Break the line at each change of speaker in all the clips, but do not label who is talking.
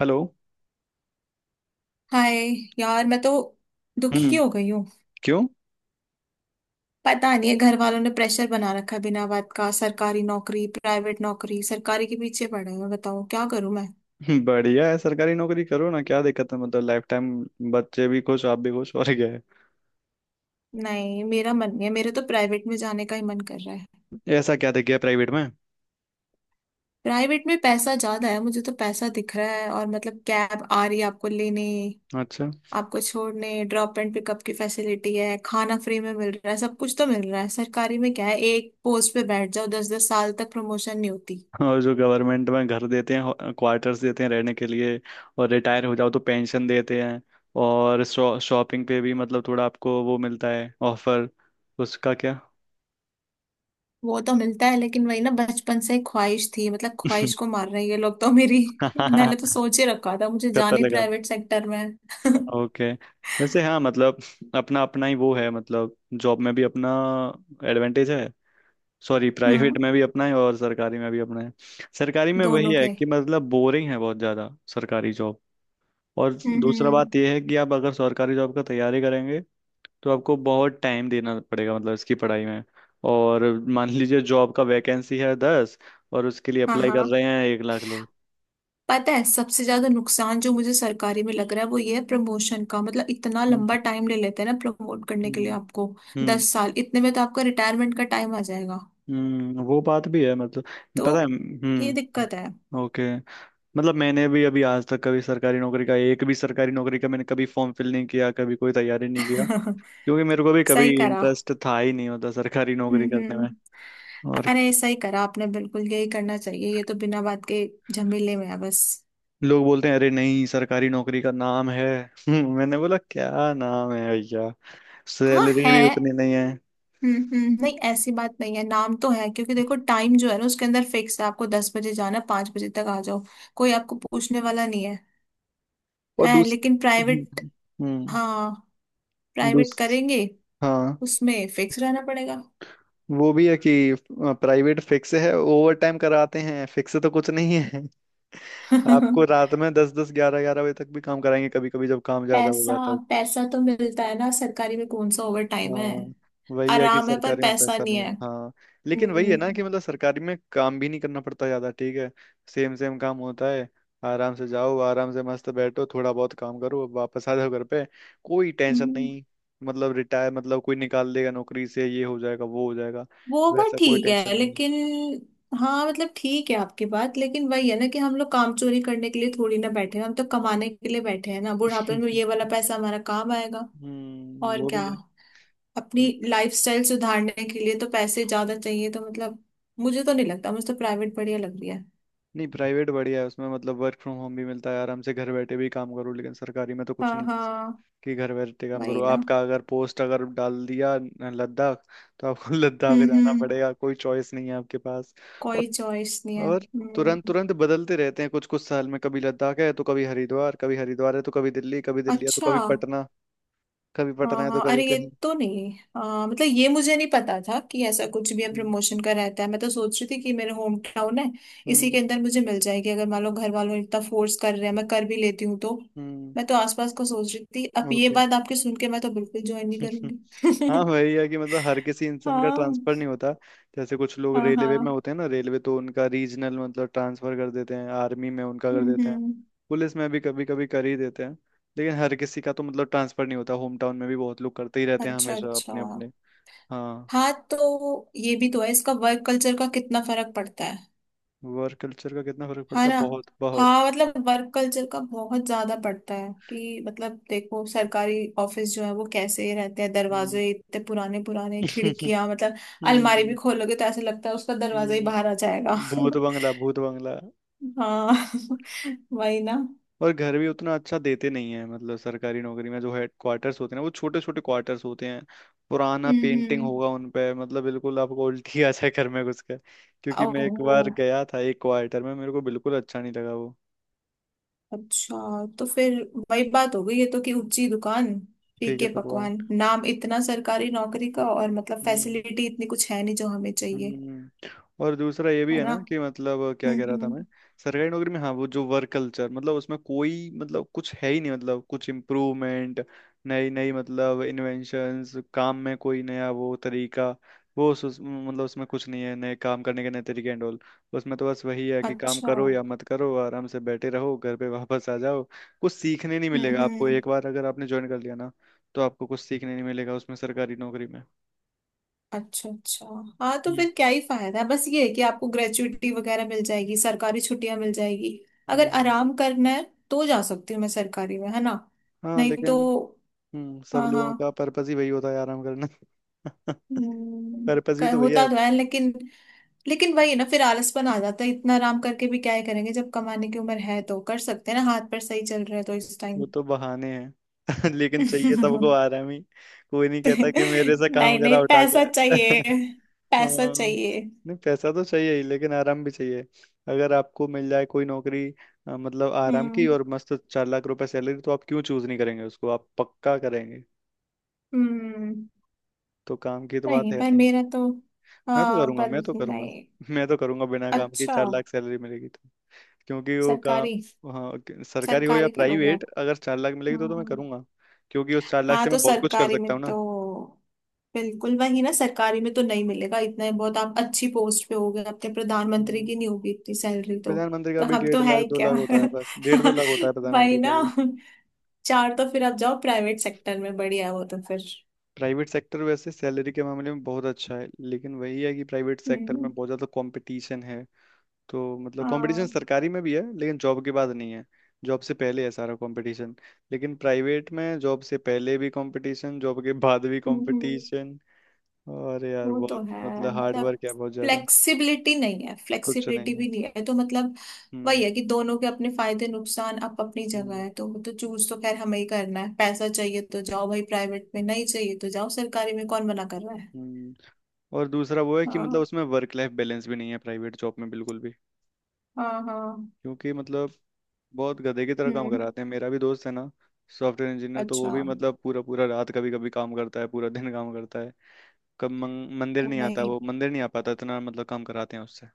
Hello.
Hi. यार, मैं तो दुखी
हम्म।
हो गई हूँ।
क्यों?
पता नहीं, है घर वालों ने प्रेशर बना रखा है बिना बात का। सरकारी नौकरी, प्राइवेट नौकरी, सरकारी के पीछे पड़े हैं। बताओ क्या करूँ मैं।
बढ़िया है। सरकारी नौकरी करो ना, क्या दिक्कत है? मतलब लाइफ टाइम बच्चे भी खुश, आप भी खुश, और क्या है।
नहीं, मेरा मन नहीं है, मेरे तो प्राइवेट में जाने का ही मन कर रहा है।
ऐसा क्या दिख गया प्राइवेट में?
प्राइवेट में पैसा ज्यादा है, मुझे तो पैसा दिख रहा है। और मतलब कैब आ रही है आपको लेने,
अच्छा।
आपको छोड़ने, ड्रॉप एंड पिकअप की फैसिलिटी है। खाना फ्री में मिल रहा है, सब कुछ तो मिल रहा है। सरकारी में क्या है, एक पोस्ट पे बैठ जाओ 10-10 साल तक प्रमोशन नहीं होती।
और जो गवर्नमेंट में घर देते हैं, क्वार्टर्स देते हैं रहने के लिए। और रिटायर हो जाओ तो पेंशन देते हैं। और शॉपिंग पे भी मतलब थोड़ा आपको वो मिलता है ऑफर, उसका क्या।
वो तो मिलता है लेकिन वही ना, बचपन से ख्वाहिश थी, मतलब ख्वाहिश को मार रहे हैं ये लोग तो मेरी। मैंने तो सोच ही रखा था मुझे
पता
जाने
लगा।
प्राइवेट सेक्टर में है।
ओके। वैसे हाँ, मतलब अपना अपना ही वो है, मतलब जॉब में भी अपना एडवांटेज है। सॉरी, प्राइवेट
हम्म।
में भी अपना है और सरकारी में भी अपना है। सरकारी में वही
दोनों
है
के।
कि मतलब बोरिंग है बहुत ज़्यादा सरकारी जॉब। और
हम्म,
दूसरा
हम्म।
बात यह है कि आप अगर सरकारी जॉब का तैयारी करेंगे तो आपको बहुत टाइम देना पड़ेगा मतलब इसकी पढ़ाई में। और मान लीजिए जॉब का वैकेंसी है 10, और उसके लिए
हाँ
अप्लाई कर
हाँ।
रहे हैं 1 लाख लोग।
पता है, सबसे ज्यादा नुकसान जो मुझे सरकारी में लग रहा है वो ये है प्रमोशन का, मतलब इतना
हम्म,
लंबा टाइम ले लेते हैं ना प्रमोट करने के लिए
हम्म,
आपको।
हम्म,
10 साल, इतने में तो आपका रिटायरमेंट का टाइम आ जाएगा।
वो बात भी है मतलब।
तो
पता है।
ये
हम्म।
दिक्कत है।
ओके। मतलब मैंने भी अभी आज तक कभी सरकारी नौकरी का मैंने कभी फॉर्म फिल नहीं किया, कभी कोई तैयारी नहीं किया। क्योंकि मेरे को भी
सही
कभी
करा।
इंटरेस्ट था ही नहीं होता सरकारी नौकरी
हम्म
करने में।
हम्म।
और क्या-।
अरे ऐसा ही करा आपने, बिल्कुल यही करना चाहिए, ये तो बिना बात के झमेले में है बस।
लोग बोलते हैं, अरे नहीं, सरकारी नौकरी का नाम है। मैंने बोला क्या नाम है भैया,
हाँ
सैलरी
है।
भी उतनी नहीं है।
हम्म। नहीं, ऐसी बात नहीं है, नाम तो है क्योंकि देखो, टाइम जो है ना उसके अंदर फिक्स है, आपको 10 बजे जाना 5 बजे तक आ जाओ, कोई आपको पूछने वाला नहीं है।
और
है
दूस
लेकिन प्राइवेट,
हम्म, हम्म,
हाँ, प्राइवेट
दूस
करेंगे
हाँ।
उसमें फिक्स रहना पड़ेगा।
वो भी है कि प्राइवेट फिक्स है, ओवर टाइम कराते हैं, फिक्स तो कुछ नहीं है। आपको रात में दस दस, ग्यारह ग्यारह बजे तक भी काम कराएंगे, कभी कभी जब काम ज्यादा
पैसा,
होगा तब।
पैसा तो मिलता है ना, सरकारी में कौन सा ओवर टाइम है।
हाँ, वही है कि
आराम है पर
सरकारी में
पैसा
पैसा
नहीं
नहीं है।
है।
हाँ। लेकिन वही है
हम्म
ना कि मतलब सरकारी में काम भी नहीं करना पड़ता ज्यादा, ठीक है। सेम सेम काम होता है। आराम से जाओ, आराम से मस्त बैठो, थोड़ा बहुत काम करो, वापस आ जाओ घर पे, कोई टेंशन
हम्म।
नहीं। मतलब रिटायर मतलब कोई निकाल देगा नौकरी से, ये हो जाएगा, वो हो जाएगा,
वो बात
वैसा कोई
ठीक है
टेंशन नहीं।
लेकिन, हाँ मतलब ठीक है आपकी बात, लेकिन वही है ना कि हम लोग काम चोरी करने के लिए थोड़ी ना बैठे हैं, हम तो कमाने के लिए बैठे हैं ना, बुढ़ापे में ये वाला पैसा हमारा काम आएगा।
हम्म,
और
वो भी
क्या,
है। हम्म।
अपनी लाइफस्टाइल सुधारने के लिए तो पैसे ज्यादा चाहिए तो मतलब, मुझे तो नहीं लगता, मुझे तो प्राइवेट बढ़िया लग रही है।
नहीं, प्राइवेट बढ़िया है, उसमें मतलब वर्क फ्रॉम होम भी मिलता है, आराम से घर बैठे भी काम करो, लेकिन सरकारी में तो कुछ
हाँ
नहीं है
हाँ,
कि घर बैठे काम
वही
करो।
ना।
आपका अगर पोस्ट अगर डाल दिया लद्दाख, तो आपको लद्दाख जाना
हम्म,
पड़ेगा, कोई चॉइस नहीं है आपके पास। और
कोई चॉइस नहीं है
और तुरंत
हम्म।
तुरंत बदलते रहते हैं कुछ कुछ साल में, कभी लद्दाख है तो कभी हरिद्वार, कभी हरिद्वार है तो कभी दिल्ली, कभी दिल्ली है तो
अच्छा।
कभी पटना, कभी पटना
हाँ
है तो
हाँ,
कभी
अरे ये
कहीं।
तो नहीं। मतलब ये मुझे नहीं पता था कि ऐसा कुछ भी है
हम्म,
प्रमोशन का रहता है, मैं तो सोच रही थी कि मेरे होम टाउन है इसी
हम्म,
के अंदर मुझे मिल जाएगी, अगर मान लो घर वालों ने इतना फोर्स कर रहे हैं मैं कर भी लेती हूँ तो।
हम्म,
मैं तो आसपास को सोच रही थी, अब ये
ओके।
बात आपके सुन के मैं तो बिल्कुल ज्वाइन नहीं
हाँ,
करूंगी।
वही है कि मतलब हर किसी इंसान का
हाँ
ट्रांसफर नहीं होता। जैसे कुछ लोग
हाँ
रेलवे में
हाँ।
होते हैं ना, रेलवे तो उनका रीजनल मतलब ट्रांसफर कर देते हैं, आर्मी में उनका कर देते हैं।
हम्म।
पुलिस में भी कभी कभी कर ही देते हैं। लेकिन हर किसी का तो मतलब ट्रांसफर नहीं होता, होम टाउन में भी बहुत लोग करते ही रहते हैं
अच्छा
हमेशा
अच्छा,
अपने अपने। हाँ,
हाँ तो ये भी तो है, इसका वर्क कल्चर का कितना फर्क पड़ता है
वर्क कल्चर का कितना फर्क
है
पड़ता है,
ना।
बहुत बहुत।
हाँ मतलब वर्क कल्चर का बहुत ज्यादा पड़ता है, कि मतलब देखो सरकारी ऑफिस जो है वो कैसे रहते हैं,
हम्म।
दरवाजे इतने पुराने पुराने, खिड़कियां मतलब, अलमारी
हम्म,
भी खोलोगे तो ऐसा लगता है उसका दरवाजा ही बाहर आ
हम्म,
जाएगा।
भूत बंगला भूत बंगला।
हाँ वही ना।
और घर भी उतना अच्छा देते नहीं है, मतलब सरकारी नौकरी में जो हेड क्वार्टर्स होते हैं ना, वो छोटे छोटे क्वार्टर्स होते हैं। पुराना पेंटिंग
हम्म।
होगा उन पे, मतलब बिल्कुल आपको उल्टी आ जाए घर में घुस कर। क्योंकि मैं एक बार
ओह,
गया था एक क्वार्टर में, मेरे को बिल्कुल अच्छा नहीं लगा वो।
अच्छा, तो फिर वही बात हो गई है तो, कि ऊंची दुकान
ठीक है
फीके
भगवान।
पकवान, नाम इतना सरकारी नौकरी का और मतलब
हम्म।
फैसिलिटी इतनी कुछ है नहीं जो हमें चाहिए।
हम्म। और दूसरा ये भी
है
है
ना।
ना कि मतलब क्या कह रहा था
हम्म।
मैं, सरकारी नौकरी में, हाँ, वो जो वर्क कल्चर मतलब उसमें कोई मतलब कुछ है ही नहीं, मतलब कुछ इम्प्रूवमेंट, नई नई मतलब इन्वेंशंस, काम में कोई नया वो तरीका। वो मतलब उसमें कुछ नहीं है नए काम करने के नए तरीके एंड ऑल। उसमें तो बस वही है कि काम
अच्छा,
करो या मत करो, आराम से बैठे रहो, घर पे वापस आ जाओ। कुछ सीखने नहीं मिलेगा आपको,
हम्म।
एक बार अगर आपने ज्वाइन कर लिया ना, तो आपको कुछ सीखने नहीं मिलेगा उसमें, सरकारी नौकरी में।
अच्छा अच्छा, हाँ तो
हम्म,
फिर क्या ही फायदा है, बस ये है कि आपको ग्रेचुइटी वगैरह मिल जाएगी, सरकारी छुट्टियां मिल जाएगी, अगर
हम्म, हम्म।
आराम करना है तो जा सकती हूँ मैं सरकारी में, है ना।
हाँ
नहीं
लेकिन
तो।
सब
हाँ
लोगों
हाँ।
का पर्पस ही वही होता है आराम करना।
हम्म,
पर्पस भी तो भैया,
होता तो है लेकिन, लेकिन वही है ना, फिर आलसपन आ जाता है, इतना आराम करके भी क्या ही करेंगे, जब कमाने की उम्र है तो कर सकते हैं ना, हाथ पर सही चल रहे हैं तो इस टाइम।
वो तो बहाने हैं। लेकिन चाहिए सबको आराम ही। कोई नहीं कहता कि मेरे से काम
नहीं
करा
नहीं,
उठा के।
पैसा चाहिए, पैसा
हाँ,
चाहिए।
नहीं, पैसा तो चाहिए ही लेकिन आराम भी चाहिए। अगर आपको मिल जाए कोई नौकरी मतलब आराम
हम्म
की, और मस्त 4 लाख रुपए सैलरी, तो आप क्यों चूज नहीं करेंगे उसको, आप पक्का करेंगे।
हम्म।
तो काम की तो बात
नहीं
है
पर
नहीं।
मेरा तो,
मैं तो
हाँ
करूंगा,
पर
मैं तो करूंगा।
नहीं।
मैं तो करूंगा, बिना काम की
अच्छा,
4 लाख सैलरी मिलेगी तो। क्योंकि वो का
सरकारी,
हाँ, सरकारी हो या
सरकारी करोगे
प्राइवेट
आप।
अगर 4 लाख मिलेगी तो मैं
हम्म।
करूंगा। क्योंकि उस 4 लाख
हाँ
से
तो
मैं बहुत कुछ कर
सरकारी
सकता
में
हूँ ना।
तो, बिल्कुल वही ना, सरकारी में तो नहीं मिलेगा इतना ही बहुत। आप अच्छी पोस्ट पे होगे, अपने प्रधानमंत्री
हम्म,
की नहीं होगी इतनी सैलरी तो।
प्रधानमंत्री का
तो
भी
हम
डेढ़
तो है
लाख
ही
दो
क्या।
लाख होता है, बस डेढ़ दो लाख होता है प्रधानमंत्री
वही
का
ना,
भी।
चार, तो फिर आप जाओ प्राइवेट सेक्टर में, बढ़िया है वो तो फिर।
प्राइवेट सेक्टर वैसे सैलरी के मामले में बहुत अच्छा है, लेकिन वही है कि प्राइवेट सेक्टर
हम्म।
में बहुत ज़्यादा कंपटीशन है। तो मतलब कंपटीशन
हाँ।
सरकारी में भी है, लेकिन जॉब के बाद नहीं है। जॉब से पहले है सारा कंपटीशन। लेकिन प्राइवेट में जॉब से पहले भी कंपटीशन, जॉब के बाद भी
हम्म हम्म।
कंपटीशन। और यार
वो तो
बहुत
है
मतलब हार्ड
मतलब,
वर्क है बहुत ज्यादा,
फ्लेक्सिबिलिटी नहीं है,
कुछ
फ्लेक्सिबिलिटी
नहीं है।
भी नहीं है तो मतलब,
हम्म,
वही है कि दोनों के अपने फायदे नुकसान अप अपनी जगह
हम्म,
है, तो वो तो चूज तो खैर हमें ही करना है। पैसा चाहिए तो जाओ भाई प्राइवेट में, नहीं चाहिए तो जाओ सरकारी में, कौन मना कर रहा है।
हम्म। और दूसरा वो है कि मतलब
हाँ
उसमें वर्क लाइफ बैलेंस भी नहीं है प्राइवेट जॉब में बिल्कुल भी।
हाँ हाँ।
क्योंकि मतलब बहुत गधे की तरह काम
हम्म।
कराते हैं, मेरा भी दोस्त है ना, सॉफ्टवेयर इंजीनियर, तो वो
अच्छा,
भी मतलब पूरा पूरा रात कभी कभी काम करता है, पूरा दिन काम करता है। कब मंदिर
तो
नहीं आता,
भाई,
वो मंदिर नहीं आ पाता, इतना मतलब काम कराते हैं उससे।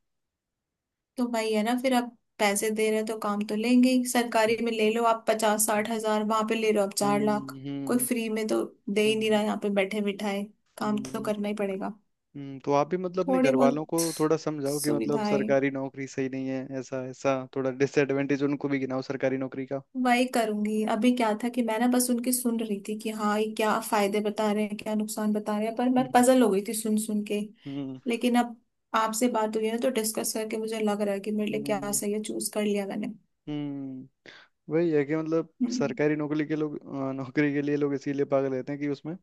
तो भाई है ना, फिर आप पैसे दे रहे हैं तो काम तो लेंगे ही।
हम्म,
सरकारी में ले लो आप 50-60 हज़ार, वहां पे ले रहे हो आप चार
हम्म,
लाख कोई
हम्म,
फ्री में तो दे ही नहीं
हम्म,
रहा, यहाँ पे बैठे बिठाए काम तो
हम्म,
करना ही पड़ेगा।
तो आप भी मतलब अपने
थोड़ी
घर वालों को
बहुत
थोड़ा समझाओ कि मतलब
सुविधाएं,
सरकारी नौकरी सही नहीं है, ऐसा ऐसा थोड़ा डिसएडवांटेज उनको भी गिनाओ सरकारी नौकरी का।
वही करूंगी। अभी क्या था कि मैं ना बस उनकी सुन रही थी, कि हाँ ये क्या फायदे बता रहे हैं, क्या नुकसान बता रहे हैं, पर मैं
हम्म,
पजल हो गई थी सुन सुन के।
हम्म,
लेकिन अब आपसे बात हुई है ना, तो डिस्कस करके मुझे लग रहा है कि मेरे लिए क्या
हम्म,
सही है, चूज कर लिया मैंने।
हम्म, वही है कि मतलब
हम्म,
सरकारी नौकरी के लोग नौकरी के लिए लोग इसीलिए पागल रहते हैं कि उसमें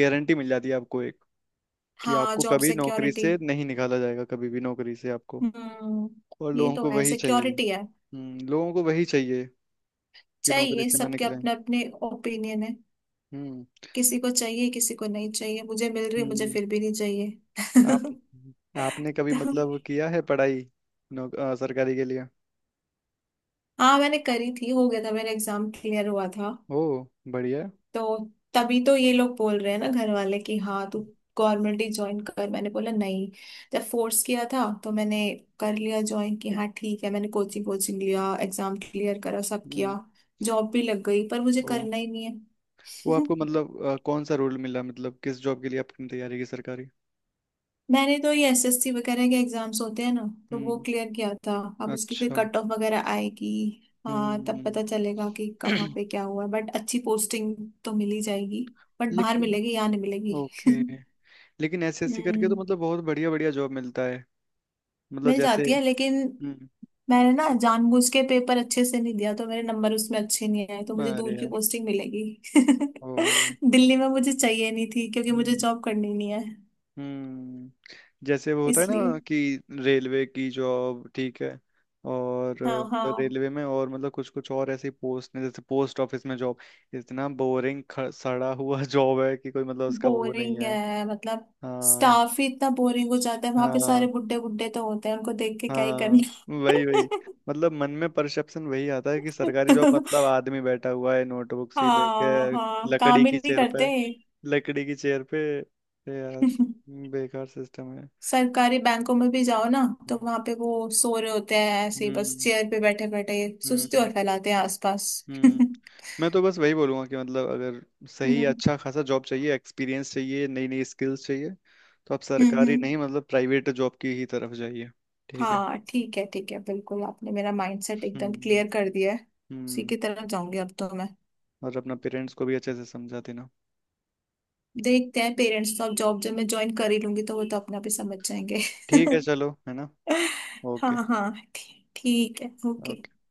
गारंटी मिल जाती है आपको एक, कि
हाँ
आपको
जॉब
कभी नौकरी
सिक्योरिटी।
से नहीं निकाला जाएगा, कभी भी नौकरी से आपको।
हम्म,
और
ये
लोगों
तो
को
है,
वही चाहिए।
सिक्योरिटी है।
हम्म, लोगों को वही चाहिए कि नौकरी
चाहिए,
से ना
सबके
निकले।
अपने अपने ओपिनियन है,
हम्म।
किसी को चाहिए, किसी को नहीं चाहिए, मुझे मिल रही, मुझे
हम्म।
फिर भी नहीं
आप
चाहिए।
आपने कभी मतलब किया है पढ़ाई सरकारी के लिए?
हाँ, मैंने करी थी, हो गया था मेरा एग्जाम क्लियर हुआ था।
ओ, बढ़िया है।
तो तभी तो ये लोग बोल रहे हैं ना घर वाले, कि हाँ तू गवर्नमेंट ही ज्वाइन कर। मैंने बोला नहीं, जब फोर्स किया था तो मैंने कर लिया ज्वाइन कि हाँ ठीक है, मैंने कोचिंग कोचिंग लिया, एग्जाम क्लियर करा, सब किया,
हम्म।
जॉब भी लग गई, पर मुझे
ओ,
करना ही नहीं है।
वो आपको मतलब कौन सा रोल मिला, मतलब किस जॉब के लिए आपने तैयारी की, सरकारी?
मैंने तो ये एसएससी वगैरह के एग्जाम्स होते हैं ना, तो वो
हम्म।
क्लियर किया था, अब उसकी फिर
अच्छा।
कट ऑफ वगैरह आएगी। हाँ, तब
हम्म।
पता चलेगा कि कहाँ पे क्या हुआ, बट अच्छी पोस्टिंग तो मिल ही जाएगी, बट बाहर
लेकिन
मिलेगी, यहाँ नहीं मिलेगी।
ओके, लेकिन एसएससी करके तो
हम्म।
मतलब बहुत बढ़िया बढ़िया जॉब मिलता है, मतलब
मिल
जैसे।
जाती है लेकिन
हम्म।
मैंने ना जानबूझ के पेपर अच्छे से नहीं दिया, तो मेरे नंबर उसमें अच्छे नहीं आए, तो मुझे दूर
अरे
की
यार।
पोस्टिंग मिलेगी।
ओ।
दिल्ली में मुझे चाहिए नहीं थी, क्योंकि मुझे
हम्म।
जॉब करनी नहीं है,
हम्म। जैसे वो होता है
इसलिए।
ना कि रेलवे की जॉब ठीक है, और
हाँ हाँ।
रेलवे में और मतलब कुछ कुछ और ऐसी पोस्ट ने, जैसे पोस्ट ऑफिस में जॉब, इतना बोरिंग सड़ा हुआ जॉब है कि कोई मतलब उसका वो नहीं
बोरिंग
है।
है, मतलब
हाँ,
स्टाफ ही इतना बोरिंग हो जाता है, वहां पे सारे
हाँ,
बुड्ढे बुड्ढे तो होते हैं, उनको देख के क्या ही
हाँ,
करना।
वही वही, मतलब मन में परसेप्शन वही आता है कि सरकारी जॉब मतलब आदमी बैठा हुआ है नोटबुक सी लेके,
हाँ हाँ,
लकड़ी
काम ही
की
नहीं
चेयर पे,
करते।
लकड़ी की चेयर पे। यार, बेकार सिस्टम है।
सरकारी बैंकों में भी जाओ ना, तो वहां पे वो सो रहे होते हैं, ऐसे ही बस
हम्म,
चेयर पे बैठे बैठे,
हम्म,
सुस्ती
हम्म,
और फैलाते हैं आसपास।
हम्म
हम्म
मैं तो बस वही बोलूंगा कि मतलब अगर सही अच्छा खासा जॉब चाहिए, एक्सपीरियंस चाहिए, नई नई स्किल्स चाहिए, तो आप
हम्म
सरकारी
हम्म।
नहीं, मतलब प्राइवेट जॉब की ही तरफ जाइए। ठीक है।
हाँ ठीक है, ठीक है, बिल्कुल आपने मेरा माइंडसेट एकदम
हम्म,
क्लियर कर दिया है, उसी
हम्म।
की तरफ जाऊंगी अब तो मैं।
और अपना पेरेंट्स को भी अच्छे से समझा देना।
देखते हैं, पेरेंट्स तो, अब जॉब जब मैं ज्वाइन कर ही लूंगी तो वो तो अपने आप ही समझ जाएंगे।
ठीक है चलो, है ना। ओके।
हाँ हाँ, ठीक है, ओके।
ओके।